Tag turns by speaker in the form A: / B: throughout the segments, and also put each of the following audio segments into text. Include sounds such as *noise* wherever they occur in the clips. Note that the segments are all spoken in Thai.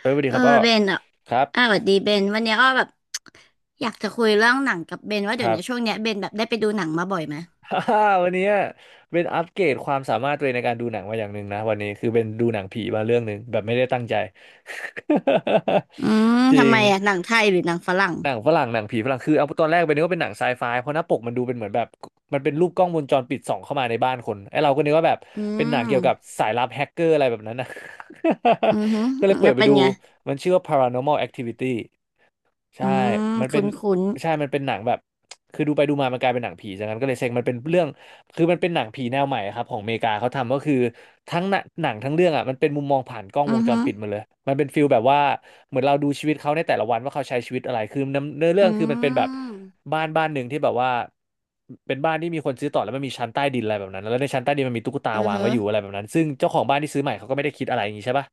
A: เออสวัสดี
B: เอ
A: ค
B: อ
A: รับอ้อ
B: เบนอ่ะ
A: ครับ
B: อ่ะสวัสดีเบนวันเนี้ยอ้อแบบอยากจะคุยเรื่องหนังกับเบนว่า
A: ค
B: เดี๋ยว
A: รับ
B: เนี้ยช่วงเนี้ยเบนแบบได้ไปดูหนังมาบ่อยไหม
A: *laughs* ฮ่าฮ่าวันนี้เป็นอัปเกรดความสามารถตัวเองในการดูหนังมาอย่างหนึ่งนะวันนี้คือเป็นดูหนังผีมาเรื่องหนึ่งแบบไม่ได้ตั้งใจ *laughs*
B: อืม
A: จริ
B: ทำไม
A: ง
B: อ่ะหนังไทยหรือหนังฝรั่ง
A: หนังฝรั่งหนังผีฝรั่งคือเอาตอนแรกไปนึกว่าเป็นหนังไซไฟเพราะหน้าปกมันดูเป็นเหมือนแบบมันเป็นรูปกล้องวงจรปิดส่องเข้ามาในบ้านคนไอ้เราก็นึกว่าแบบ
B: อื
A: เป็นหนังเกี่ยวกับ
B: ม
A: สายลับแฮกเกอร์อะไรแบบนั้นนะ
B: อือฮึ
A: *laughs* ก็เลยเปิ
B: แล้
A: ด
B: ว
A: ไป
B: เป็น
A: ดู
B: ไง
A: มันชื่อว่า Paranormal Activity
B: อื
A: ใช่
B: ม
A: มันเป็น
B: คุ้นคุ้น
A: หนังแบบคือดูไปดูมามันกลายเป็นหนังผีจากนั้นก็เลยเซ็งมันเป็นเรื่องคือมันเป็นหนังผีแนวใหม่ครับของอเมริกาเขาทำก็คือทั้งหนังทั้งเรื่องอ่ะมันเป็นมุมมองผ่านกล้อง
B: อื
A: ว
B: อ
A: งจ
B: ฮึ
A: รปิดหมาเลยมันเป็นฟิลแบบว่าเหมือนเราดูชีวิตเขาในแต่ละวันว่าเขาใช้ชีวิตอะไรคือเนื้อเรื่อ
B: อื
A: งคือมันเป็นแบบ
B: ม
A: บ้านหนึ่งที่แบบว่าเป็นบ้านที่มีคนซื้อต่อแล้วมันมีชั้นใต้ดินอะไรแบบนั้นแล้วในชั้นใต้ดินมันมีตุ๊กตา
B: อือ
A: วาง
B: ฮึ
A: ไว้อยู่อะไรแบบนั้นซึ่งเจ้าของบ้านที่ซื้อใหม่เขาก็ไม่ได้คิดอะไรอย่างนี้ใช่ปะ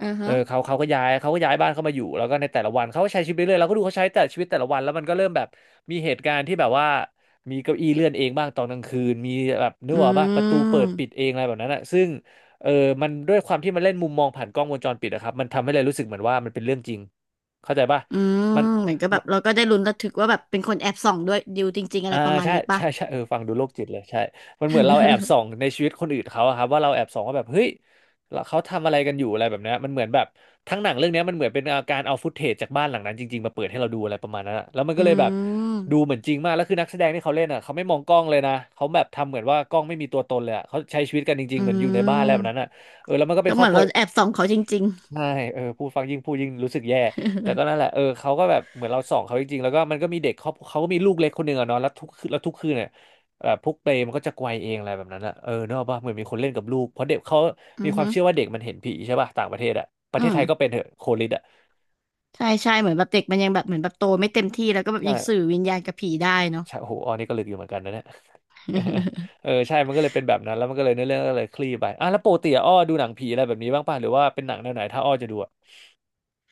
B: อือ
A: เอ
B: ฮึ
A: อเขาก็ย้ายเขาก็ย้ายบ้านเข้ามาอยู่แล้วก็ในแต่ละวันเขาก็ใช้ชีวิตไปเรื่อยเราก็ดูเขาใช้แต่ชีวิตแต่ละวันแล้วมันก็เริ่มแบบมีเหตุการณ์ที่แบบว่ามีเก้าอี้เลื่อนเองบ้างตอนกลางคืนมีแบบนึ
B: อื
A: กออกป่ะประตูเปิดปิด
B: ม
A: เองอะไรแบบนั้นอะซึ่งเออมันด้วยความที่มันเล่นมุมมองผ่านกล้องวงจรปิดอะครับมันทำให้เลยรู้สึกเหมือนว่ามันเป็นเรื่องจริงเข้าใจป่ะ
B: อื
A: มัน
B: มเหมือนก็แบบเราก็ได้ลุ้นระทึกว่าแบบเป็นคนแอบส่องด้วยดิวจริงๆอะไร
A: อ่า
B: ประมาณ
A: ใช่
B: นี้ปะ
A: ใช่ใช่เออฟังดูโรคจิตเลยใช่มันเหมือนเราแอบส่อง
B: *laughs*
A: ในชีวิตคนอื่นเขาอะครับว่าเราแอบส่องว่าแบบเฮ้ยแล้วเขาทำอะไรกันอยู่อะไรแบบเนี้ยมันเหมือนแบบทั้งหนังเรื่องเนี้ยมันเหมือนเป็นการเอาฟุตเทจจากบ้านหลังนั้นจริงๆมาเปิดให้เราดูอะไรประมาณนั้นอะแล้วมัน
B: อื
A: ก็เลยแบบดู
B: ม
A: เหมือนจริงมากแล้วคือนักแสดงที่เขาเล่นอะเขาไม่มองกล้องเลยนะเขาแบบทำเหมือนว่ากล้องไม่มีตัวตนเลยอะเขาใช้ชีวิตกันจริ
B: อื
A: งๆเหมือนอยู่ในบ้านอะไรแบบนั้น
B: ม
A: อะเออแล้วมันก็เป็
B: ก็
A: นค
B: เห
A: รอ
B: มื
A: บ
B: อน
A: ครัว
B: เราแอบส่องเขาจริง
A: ใช่เออพูดฟังยิ่งพูดยิ่งรู้สึกแย่ แต่ก็นั่นแหละเออเขาก็แบบเหมือนเราส่องเขาจริงๆแล้วก็มันก็มีเด็กเขาก็มีลูกเล็กคนหนึ่งอะเนาะแล้วทุกคืนเนี่ยแบบพวกเปรย์มันก็จะไกวเองอะไรแบบนั้นอะเออเนกอะป่ะเหมือนมีคนเล่นกับลูก เพราะเด็กเขา
B: ๆอื
A: มี
B: อ
A: ควา
B: ฮึ
A: มเชื่อว่าเด็กมันเห็นผีใช่ป่ะต่างประเทศอะประ
B: อื
A: เทศ
B: ม
A: ไทยก็เป็นเถอะโคลิดอะ
B: ใช่ใช่เหมือนแบบเด็กมันยังแบบเหมือนแบบโตไม่เต็มที่แล้วก็แบบ
A: ใช่
B: ยังสื่อวิญญาณกับผีได้เนาะ
A: ใช่โอ้โหอันนี้ก็ลึกอยู่เหมือนกันนะเนี่ย *laughs* เออใช่มันก็เลยเป็นแบบนั้นแล้วมันก็เลยเนื้อเรื่องก็เลยคลี่ไปอ่ะแล้วปกติอะอ้อดูหนังผีอะไรแบบนี้บ้างป่ะหรือว่าเป็นหนังแนวไหนถ้าอ้อจะดูอะ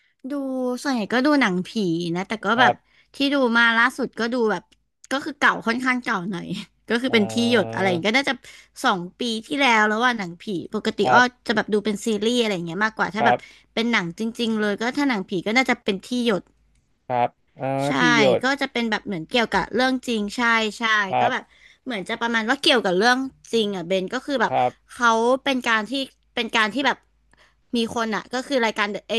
B: *laughs* ดูส่วนใหญ่ก็ดูหนังผีนะแต่ก็
A: ค
B: แบ
A: รั
B: บ
A: บ
B: ที่ดูมาล่าสุดก็ดูแบบก็คือเก่าค่อนข้างเก่าหน่อย *laughs* ก็คือ
A: เอ
B: เป็นที่หยดอะ
A: อ
B: ไรอย่างเงี้ยก็น่าจะสองปีที่แล้วแล้วว่าหนังผีปกติ
A: ครั
B: อ้อ
A: บ
B: จะแบบดูเป็นซีรีส์อะไรอย่างเงี้ยมากกว่า
A: ค
B: ถ้าแบ
A: รั
B: บ
A: บ
B: เป็นหนังจริงๆเลยก็ถ้าหนังผีก็น่าจะเป็นที่หยด
A: ครับอ่า
B: ใช่
A: ที่หยด
B: ก็จะเป็นแบบเหมือนเกี่ยวกับเรื่องจริงใช่ใช่
A: ค
B: ก็
A: รั
B: แบบ
A: บ
B: เหมือนจะประมาณว่าเกี่ยวกับเรื่องจริงอ่ะเบนก็คือแบบ
A: ครับ
B: เขาเป็นการที่เป็นการที่แบบมีคนอ่ะก็คือรายการเอ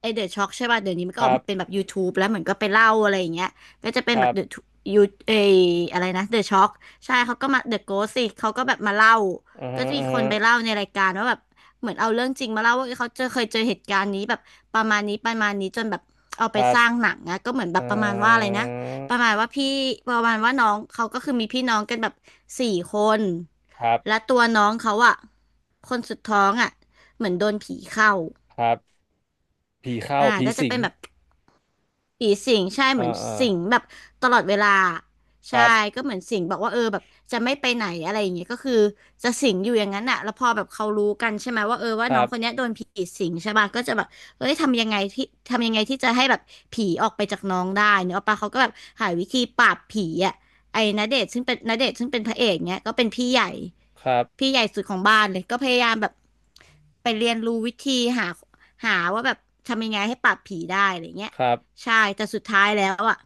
B: เอเดอะช็อกใช่ป่ะเดี๋ยวนี้มัน
A: ค
B: ก็ออ
A: รั
B: ก
A: บ
B: มาเป็นแบบ YouTube แล้วเหมือนก็ไปเล่าอะไรอย่างเงี้ยก็จะเป็น
A: ค
B: แบ
A: รั
B: บเดอะ
A: บ
B: ยูเออะไรนะเดอะช็อกใช่เขาก็มาเดอะโกสิเขาก็แบบมาเล่า
A: อือ
B: ก็
A: ฮะ
B: จะมี
A: อือ
B: คน
A: ฮะ
B: ไปเล่าในรายการว่าแบบ เหมือนเอาเรื่องจริงมาเล่าว่าเอ้ยเขาเจอเคยเจอเหตุการณ์นี้แบบประมาณนี้ประมาณนี้จนแบบเอา
A: ค
B: ไป
A: รั
B: ส
A: บ
B: ร้างหนังนะก็เหมือนแบ
A: อ่
B: บประมาณว่าอะไร
A: า
B: นะประมาณว่าพี่ประมาณว่าน้องเขาก็คือมีพี่น้องกันแบบสี่คน
A: ครับ
B: และตัวน้องเขาอะคนสุดท้องอะเหมือนโดนผีเข้า
A: ครับผีเข้า
B: อ่า
A: ผี
B: ก็จะ
A: สิ
B: เป็
A: ง
B: นแบบ ผีสิงใช่เห
A: อ่า
B: มือน
A: อ่า
B: สิงแบบตลอดเวลา
A: ค
B: ใช่
A: รับ
B: ก็เหมือนสิงบอกว่าเออแบบจะไม่ไปไหนอะไรอย่างเงี้ยก็คือจะสิงอยู่อย่างนั้นอะแล้วพอแบบเขารู้กันใช่ไหมว่าเออว่า
A: ค
B: น้อ
A: รั
B: ง
A: บ
B: คนเนี้ยโดนผีสิงใช่ป่ะก็จะแบบเอ้ยทำยังไงที่จะให้แบบผีออกไปจากน้องได้เนอะป่ะเขาก็แบบหาวิธีปราบผีอะไอ้ณเดชน์ซึ่งเป็นณเดชน์ซึ่งเป็นพระเอกเนี้ยก็เป็นพี่ใหญ่
A: ครับ
B: พี่ใหญ่สุดของบ้านเลยก็พยายามแบบไปเรียนรู้วิธีหาหาว่าแบบทำยังไงให้ปราบผีได้อะไรเงี้ย
A: ครับ
B: ใช่แต่สุดท้ายแล้วอ่ะ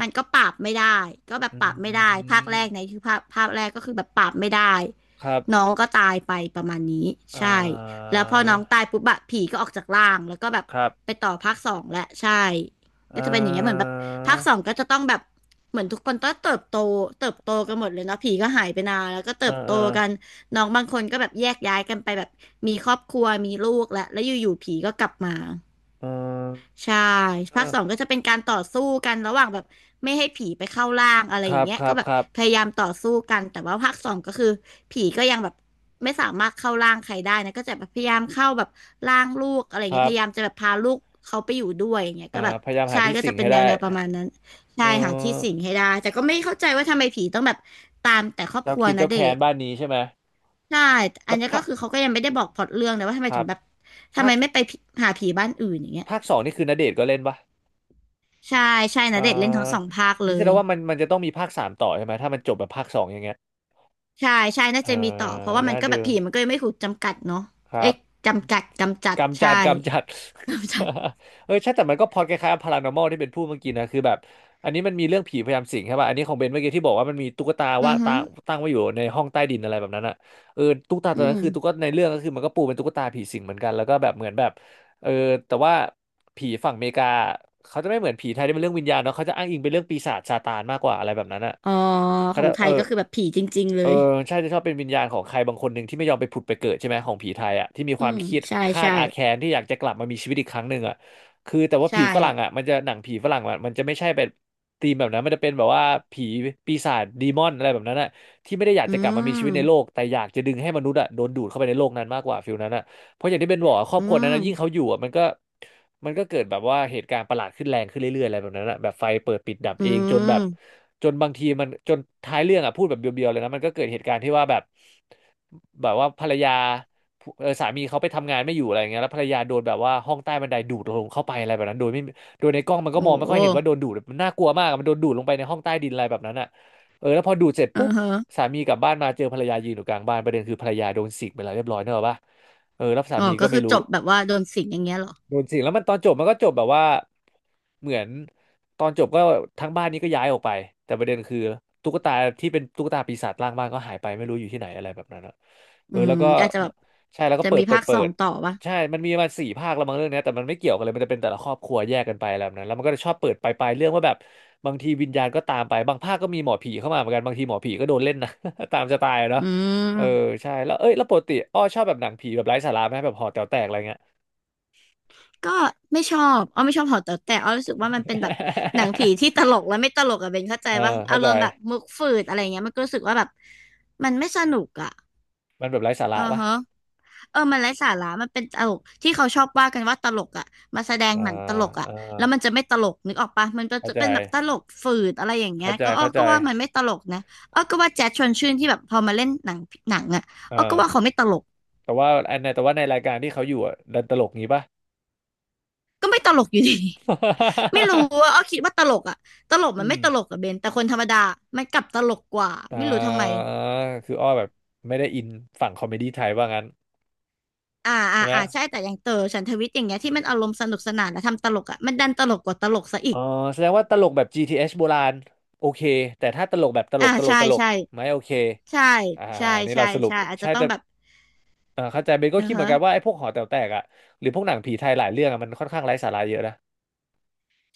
B: มันก็ปราบไม่ได้ก็แบบ
A: อื
B: ปรับไม่ได้ภาคแรก
A: ม
B: ในคือภาคแรกก็คือแบบปรับไม่ได้
A: ครับ
B: น้องก็ตายไปประมาณนี้
A: อ่
B: ใช่
A: า
B: แล้วพอน้องตายปุ๊บอะผีก็ออกจากร่างแล้วก็แบบ
A: ครับ
B: ไปต่อภาคสองแหละใช่
A: อ่
B: ก็จะเป็นอย่างเงี้ยเหมือนแบ
A: า
B: บภาคสองก็จะต้องแบบเหมือนทุกคนต้องเติบโตเติบโตกันหมดเลยเนาะผีก็หายไปนานแล้วก็เติ
A: อ่า
B: บโต
A: อ่า
B: กันน้องบางคนก็แบบแยกย้ายกันไปแบบมีครอบครัวมีลูกแล้วอยู่ๆผีก็กลับมา
A: อ่า
B: ใช่ภาคสอง
A: อ่า
B: ก็จะเป็นการต่อสู้กันระหว่างแบบไม่ให้ผีไปเข้าร่างอะไร
A: ค
B: อย่า
A: รั
B: ง
A: บ
B: เงี้ย
A: ครั
B: ก็
A: บ
B: แบบ
A: ครับ
B: พยายามต่อสู้กันแต่ว่าภาคสองก็คือผีก็ยังแบบไม่สามารถเข้าร่างใครได้นะก็จะแบบพยายามเข้าแบบร่างลูกอะไรอย่าง
A: ค
B: เงี้ย
A: รั
B: พยายาม
A: บ
B: จะแบบพาลูกเขาไปอยู่ด้วยอย่างเงี้ย
A: อ่า
B: ก็แบบ
A: พยายามหา
B: ใช่
A: ที่
B: ก็
A: สิ
B: จะ
A: ง
B: เป็น
A: ให้
B: แน
A: ได้
B: วแนวประมาณนั้นใช่
A: เอ
B: หาที่สิ
A: อ
B: งให้ได้แต่ก็ไม่เข้าใจว่าทำไมผีต้องแบบตามแต่ครอบค
A: เจ้า
B: รัว
A: คิด
B: ณ
A: เจ้า
B: เด
A: แค้น
B: ชน์
A: บ้านนี้ใช่ไหม
B: ใช่อั
A: แล้
B: น
A: ว
B: นี้
A: พ
B: ก็
A: ระ
B: คือเขาก็ยังไม่ได้บอกพล็อตเรื่องนะว่าทำไม
A: ค
B: ถึ
A: รั
B: ง
A: บ
B: แบบทำ
A: ภา
B: ไม
A: ค
B: ไม่ไปผีหาผีบ้านอื่นอย่างเงี้ย
A: ภาคสองนี่คือณเดชน์ก็เล่นปะ
B: ใช่ใช่ณ
A: เอ่
B: เดชน์เล่นทั้งสอง
A: อ
B: ภาคเล
A: นี่แสด
B: ย
A: งว่ามันจะต้องมีภาคสามต่อใช่ไหมถ้ามันจบแบบภาคสองอย่างเงี้ย
B: ใช่ใช่น่า
A: เออ
B: จะมีต่อเพราะว่ามัน
A: น่า
B: ก็แบ
A: ดู
B: บผีมันก็ยังไม่ถูกจำกัดเนาะ
A: ครับ
B: เอ๊ะจำกัดกำจัด
A: กำจั
B: ใช่
A: ด
B: กำ
A: *laughs*
B: จัด
A: เออใช่แต่มันก็พอดคล้ายๆพารานอมลที่เป็นพูดเมื่อกี้นะคือแบบอันนี้มันมีเรื่องผีพยายามสิงใช่ป่ะอันนี้ของเบนเมื่อกี้ที่บอกว่ามันมีตุ๊กตา
B: อื
A: ว่า
B: อ
A: ง
B: ฮึ
A: ตาตั้งไว้อยู่ในห้องใต้ดินอะไรแบบนั้นอ่ะเออตุ๊กตา
B: อื
A: ตัวนั้
B: ม
A: นคือตุ๊กตาในเรื่องก็คือมันก็ปูเป็นตุ๊กตาผีสิงเหมือนกันแล้วก็แบบเหมือนแบบเออแต่ว่าผีฝั่งอเมริกาเขาจะไม่เหมือนผีไทยที่เป็นเรื่องวิญญาณเนาะเขาจะอ้างอิงเป็นเรื่องปีศาจซาตานมากกว่าอะไรแบบนั้นอ่ะ
B: อ๋อข
A: เขา
B: อง
A: จะ
B: ไท
A: เออ
B: ยก็คือแบบผีจริงๆเล
A: เออ
B: ย
A: ใช่จะชอบเป็นวิญญาณของใครบางคนหนึ่งที่ไม่ยอมไปผุดไปเกิดใช่ไหมของผีไทยอ่ะที่มี
B: อื
A: ความ
B: ม
A: เครียด
B: ใช่
A: คาด
B: ใช่
A: อาแค้นที่อยากจะกลับมามีชีวิตอีกครั้งหนึ่งอ่ะคือแต่ว่า
B: ใช่
A: ผีฝรั่งอ่ะมันจะหนังผีฝรั่งอะมันจะไม่ใช่เป็นธีมแบบนั้นมันจะเป็นแบบว่าผีปีศาจดีมอนอะไรแบบนั้นอ่ะที่ไม่ได้อยาก
B: อื
A: จะกลับมามีชีวิตในโล
B: ม
A: กแต่อยากจะดึงให้มนุษย์อ่ะโดนดูดเข้าไปในโลกนั้นมากกว่าฟิลนั้นอ่ะ เพราะอย่างที่เบนบอกอะครอ
B: อื
A: บครัวนั้นนะยิ่งเขา
B: ม
A: อยู่อ่ะมันก็เกิดแบบว่าเหตุการณ์ประหลาดขึ้นแรงขึ้นเรื่อยๆอะไรแบบนั้นอะแบบไฟเปิดปิดดับ
B: อื
A: เองจนแบบ
B: ม
A: จนบางทีมันจนท้ายเรื่องอ่ะพูดแบบเบียวๆเลยนะมันก็เกิดเหตุการณ์ที่ว่าแบบแบบว่าภรรยาเออสามีเขาไปทำงานไม่อยู่อะไรอย่างเงี้ยแล้วภรรยาโดนแบบว่าห้องใต้บันไดดูดลงเข้าไปอะไรแบบนั้นโดยไม่โดยในกล้องมันก็
B: โอ้
A: มองไม่ค่อยเห็นว่าโด
B: โห
A: นดูดมันน่ากลัวมากอะมันโดนดูดลงไปในห้องใต้ดินอะไรแบบนั้นอ่ะเออแล้วพอดูดเสร็จ
B: อื
A: ปุ๊
B: อ
A: บ
B: ฮะ
A: สามีกลับบ้านมาเจอภรรยายืนอยู่กลางบ้านประเด็นคือภรรยาโดนสิกไปแล้วเรียบร้อยเนอะปะ เออแล้วสา
B: อ๋อ
A: มี
B: ก็
A: ก็
B: คื
A: ไม่
B: อ
A: รู้
B: จบแบบว่าโดนสิงอย่างเงี้ยเหรอ
A: โดนสิงแล้วมันตอนจบมันก็จบแบบว่าเหมือนตอนจบก็ทั้งบ้านนี้ก็ย้ายออกไปแต่ประเด็นคือตุ๊กตาที่เป็นตุ๊กตาปีศาจร่างบ้านก็หายไปไม่รู้อยู่ที่ไหนอะไรแบบนั้นอะ
B: อื
A: เออ
B: ม
A: แล้วก็
B: ก็อาจจะแบบ
A: ใช่แล้วก็
B: จะ
A: เปิ
B: มี
A: ดเปิ
B: ภา
A: ด
B: คส
A: เปิ
B: อง
A: ด
B: ต่อปะ
A: ใช่มันมีมาสี่ภาคแล้วมั้งเรื่องเนี้ยแต่มันไม่เกี่ยวกันเลยมันจะเป็นแต่ละครอบครัวแยกกันไปอะไรแบบนั้นแล้วมันก็จะชอบเปิดไปเรื่องว่าแบบบางทีวิญญาณก็ตามไปบางภาคก็มีหมอผีเข้ามาเหมือนกันบางทีหมอผีก็โดนเล่นนะ *laughs* ตามจะตาย
B: อื
A: เนาะเออ
B: ม
A: ใช่แล้วเอ้ยแล้วปกติอ้อชอบแบบหนังผีแบบไร้สาระไหมแบบห่อแต๋วแตกอะไรเงี้ย
B: ก็ไม่ชอบอ้อไม่ชอบหอแต๋วแต่อ้อรู้สึกว่ามันเป็นแบบหนังผีที่
A: *laughs*
B: ตลกและไม่ตลกอะเบนเข้าใจ
A: เออ
B: ว่าอา
A: เข้า
B: ร
A: ใจ
B: มณ์แบบมุกฝืดอะไรเงี้ยมันก็รู้สึกว่าแบบมันไม่สนุกอะ
A: มันแบบไร้สา
B: อื
A: ระ
B: อ
A: ปะ
B: ฮะเออมันไร้สาระมันเป็นตลกที่เขาชอบว่ากันว่าตลกอะมาแสดง
A: เออ
B: หนังตลก
A: เอ
B: อะ
A: อ
B: แล้วมันจะไม่ตลกนึกออกปะมันก็
A: เข้า
B: จะ
A: ใจ
B: เป็นแบบตลกฝืดอะไรอย่างเงี้
A: เข้า
B: ย
A: ใจ
B: ก็อ้อ
A: เข้าใจ
B: ก็ว่ามันไม่ตลกนะอ้อก็ว่าแจ๊สชวนชื่นที่แบบพอมาเล่นหนังอะ
A: เอ
B: อ้อก็
A: อ
B: ว่าเขาไม่ตลก
A: แต่ว่าอันในแต่ว่าในรายการที่เขาอยู่อ่ะดันตลกงี้ปะ
B: ก็ไม่ตลกอยู่ดี ไม่รู้ว่าอ้
A: *laughs*
B: อคิดว่าตลกอะตลกมัน
A: อืม
B: ไม่ตลกอะเบนแต่คนธรรมดามันกลับตลกกว่า
A: อ่
B: ไม่รู้ทำไม
A: าคืออ้อแบบไม่ได้อินฝั่งคอมเมดี้ไทยว่างั้น
B: อ่า
A: ใช่
B: อ่า
A: ไหม
B: อ่าใช่แต่อย่างเต๋อฉันทวิทย์อย่างเงี้ยที่มันอารมณ์สนุกสนานและทำตลกอะมันดันตลกกว่าตลกซะอี
A: อ๋อ
B: ก
A: แสดงว่าตลกแบบ GTS โบราณโอเคแต่ถ้าตลกแบบตล
B: อ่า
A: กตลก
B: ใช่
A: ตลก
B: ใช่
A: ไม่โอเค
B: ใช่
A: อ่า
B: ใช่
A: นี่
B: ใช่
A: เราสรุป
B: ใช่อาจจะ
A: ใช่
B: ต้อง
A: แต่
B: แบบ
A: เออเข้าใจเบน
B: เอ
A: ก็
B: อ
A: คิดเหมื
B: ฮะ
A: อนกันว่าไอ้พวกหอแต๋วแตกอ่ะหรือพวกหนังผีไทยหลายเรื่องอะมันค่อนข้างไร้สาระเยอะนะ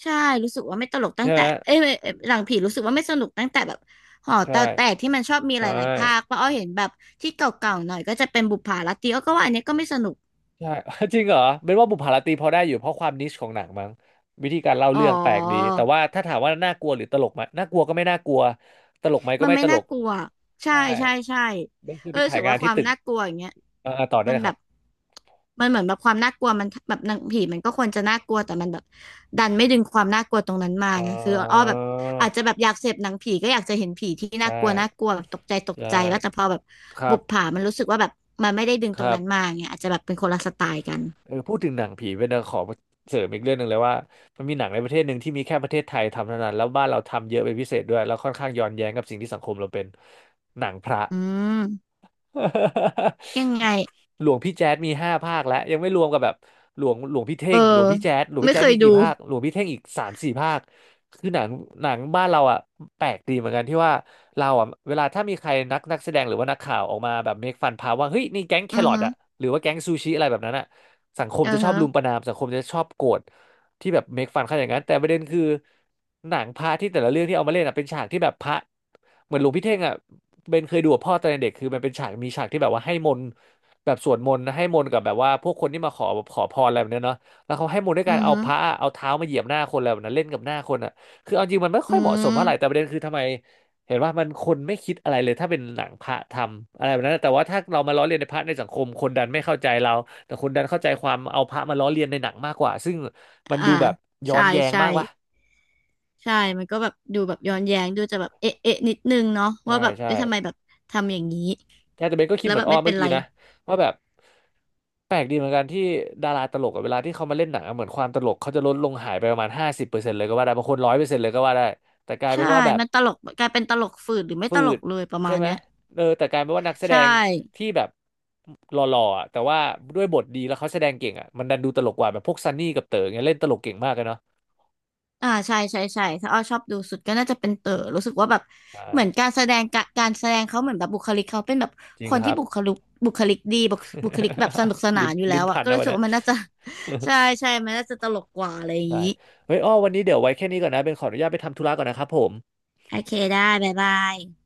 B: ใช่รู้สึกว่าไม่ตลกตั้
A: ใช่
B: งแต่
A: ไหม
B: เอ้ยเอ้ยหลังผีรู้สึกว่าไม่สนุกตั้งแต่แบบหอแต่
A: ใช่
B: แต่ที่มันชอบมีห
A: ใช่
B: ลายๆภาคเพราะอ้อเห็นแบบที่เก่าๆหน่อยก็จะเป็นบุปผาลัตตีอ้อก็ว่าอันเนี้ยก็ไม่สนุก
A: ใช่ *laughs* จริงเหรอเบนว่าบุพผารตรีพอได้อยู่เพราะความนิชของหนังมั้งวิธีการเล่า
B: อ๋อ
A: เรื่องแปลกดีแต่ว่าถ้าถามว่าน่ากลัวหรือตลกไหมน่ากลัวก็ไม่น่ากลัวตลกไหมก็
B: มัน
A: ไม่
B: ไม่
A: ตล
B: น่า
A: ก
B: กลัวใช่
A: ใช่
B: ใช่ใช่
A: เบนเคย
B: เออ
A: ไป
B: รู้
A: ถ่า
B: สึ
A: ย
B: ก
A: งา
B: ว่า
A: น
B: ค
A: ที่
B: วาม
A: ตึก
B: น่ากลัวอย่างเงี้ย
A: เออต่อได้
B: มัน
A: เลยค
B: แบ
A: รับ
B: บเหมือนแบบความน่ากลัวมันแบบหนังผีมันก็ควรจะน่ากลัวแต่มันแบบดันไม่ดึงความน่ากลัวตรงนั้นมา
A: เ
B: ไงคืออ้อ
A: ออ
B: แบบอาจจะแบบอยากเสพหนังผีก็อยากจะเห็นผีที่น่า
A: ได้
B: กลัวน่ากลัวแบบตกใจตก
A: ได้
B: ใจว่าแต่พอแบบ
A: ครั
B: บุ
A: บ
B: ปผามันรู้สึกว่าแบบมันไม่ได้ดึง
A: ค
B: ตรง
A: รับ
B: นั้นมาไงอาจจะแบบเป็นคนละสไตล์กัน
A: เออพูดถึงหนังผีเป็นขอเสริมอีกเรื่องหนึ่งเลยว่ามันมีหนังในประเทศหนึ่งที่มีแค่ประเทศไทยทำเท่านั้นแล้วบ้านเราทำเยอะเป็นพิเศษด้วยแล้วค่อนข้างย้อนแย้งกับสิ่งที่สังคมเราเป็นหนังพระ
B: อืมยังไง
A: *laughs* หลวงพี่แจ๊ดมีห้าภาคแล้วยังไม่รวมกับแบบหลวงหลวงพี่เท่
B: เออ
A: งหลวงพี่แจ๊ด
B: ไม่เคย
A: มีกี่
B: ดู
A: ภาคหลวงพี่เท่งอีกสามสี่ภาคคือหนังหนังบ้านเราอ่ะแปลกดีเหมือนกันที่ว่าเราอ่ะเวลาถ้ามีใครนักแสดงหรือว่านักข่าวออกมาแบบเมคฟันพาว่าเฮ้ยนี่แก๊งแค
B: อือ
A: รอท
B: ฮึ
A: อ่ะหรือว่าแก๊งซูชิอะไรแบบนั้นอ่ะสังคม
B: อื
A: จะ
B: อ
A: ชอบ
B: ฮึ
A: รุมประณามสังคมจะชอบโกรธ ที่แบบเมคฟันขนาดนั้นแต่ประเด็นคือหนังพระที่แต่ละเรื่องที่เอามาเล่นอ่ะเป็นฉากที่แบบพระเหมือนหลวงพี่เท่งอ่ะเบนเคยดูกับพ่อตอนเด็กคือมันเป็นฉากมีฉากที่แบบว่าให้มนต์แบบสวดมนต์นะให้มนต์กับแบบว่าพวกคนที่มาขอขอพรอะไรแบบเนี้ยเนาะแล้วเขาให้มนต์ด้วยกา
B: อื
A: ร
B: อ
A: เอา
B: ฮึ
A: พระเอาเท้ามาเหยียบหน้าคนอะไรแบบนั้นเล่นกับหน้าคนอ่ะคือเอาจริงมันไม่
B: อื
A: ค่อยเหมาะสมเท่าไหร่แต่
B: ม
A: ประเด็นคือทำไม เห็นว่ามันคนไม่คิดอะไรเลยถ้าเป็นหนังพระทำอะไรแบบนั้นแต่ว่าถ้าเรามาล้อเลียนในพระในสังคมคนดันไม่เข้าใจเราแต่คนดันเข้าใจความเอาพระมาล้อเลียนในหนังมากกว่าซึ่งมัน
B: อ่า
A: ดูแบบย้อ
B: ใช่
A: นแย้ง
B: ใช่
A: มากวะ
B: ใช่มันก็แบบดูแบบย้อนแย้งดูจะแบบเอ๊ะเอ๊ะนิดนึงเนาะ
A: ใช่
B: ว่าแบบ
A: ใช่
B: เอ๊ะทำไมแบบทำอย่างนี้
A: แค่แต่เบนก็คิด
B: แล้
A: เห
B: ว
A: มือ
B: แบ
A: น
B: บ
A: อ้อ
B: ไม่เป็
A: เมื่
B: น
A: อกี้
B: ไร
A: นะว่าแบบแปลกดีเหมือนกันที่ดาราตลกกับเวลาที่เขามาเล่นหนังอะเหมือนความตลกเขาจะลดลงหายไปประมาณ50%เลยก็ว่าได้บางคน100%เลยก็ว่าได้แต่กลาย
B: ใช่
A: เป็นว่าแบบ
B: มันตลกกลายเป็นตลกฝืดหรือไม่
A: ฝื
B: ตลก
A: ด
B: เลยประ
A: ใช่
B: มาณ
A: ไหม
B: เนี้ย
A: เออแต่กลายเป็นว่านักแสด
B: ใช่
A: งที่แบบหล่อๆอะแต่ว่าด้วยบทดีแล้วเขาแสดงเก่งอ่ะมันดันดูตลกกว่าแบบพวกซันนี่กับเต๋อเงี้ยเล่นตลกเก่งมากเลยเนาะ
B: อ่าใช่ใช่ใช่ถ้าอ้อชอบดูสุดก็น่าจะเป็นเต๋อรู้สึกว่าแบบ
A: ใช่
B: เหมือนการแสดงกะการแสดงเขาเหมือนแบบบุคลิกเขาเป็นแบบ
A: จริ
B: ค
A: ง
B: น
A: ค
B: ที่
A: รับ
B: บุคลิกดีบุคลิกแบบสนุกส
A: *laughs*
B: นา
A: ลิ้น
B: นอยู่แล้
A: ลิ้น
B: วอะ
A: พัน
B: ก็
A: นะ
B: รู้
A: วัน
B: สึก
A: เนี้ย
B: ว่ามันน่าจะ *laughs* ใช่ใช่มันน่าจะตลกกว่าอะไรอย่า
A: *laughs*
B: ง
A: ใช่
B: นี้
A: เฮ้ยอ้อวันนี้เดี๋ยวไว้แค่นี้ก่อนนะเป็นขออนุญาตไปทำธุระก่อนนะครับผม
B: โอเคได้บ๊ายบาย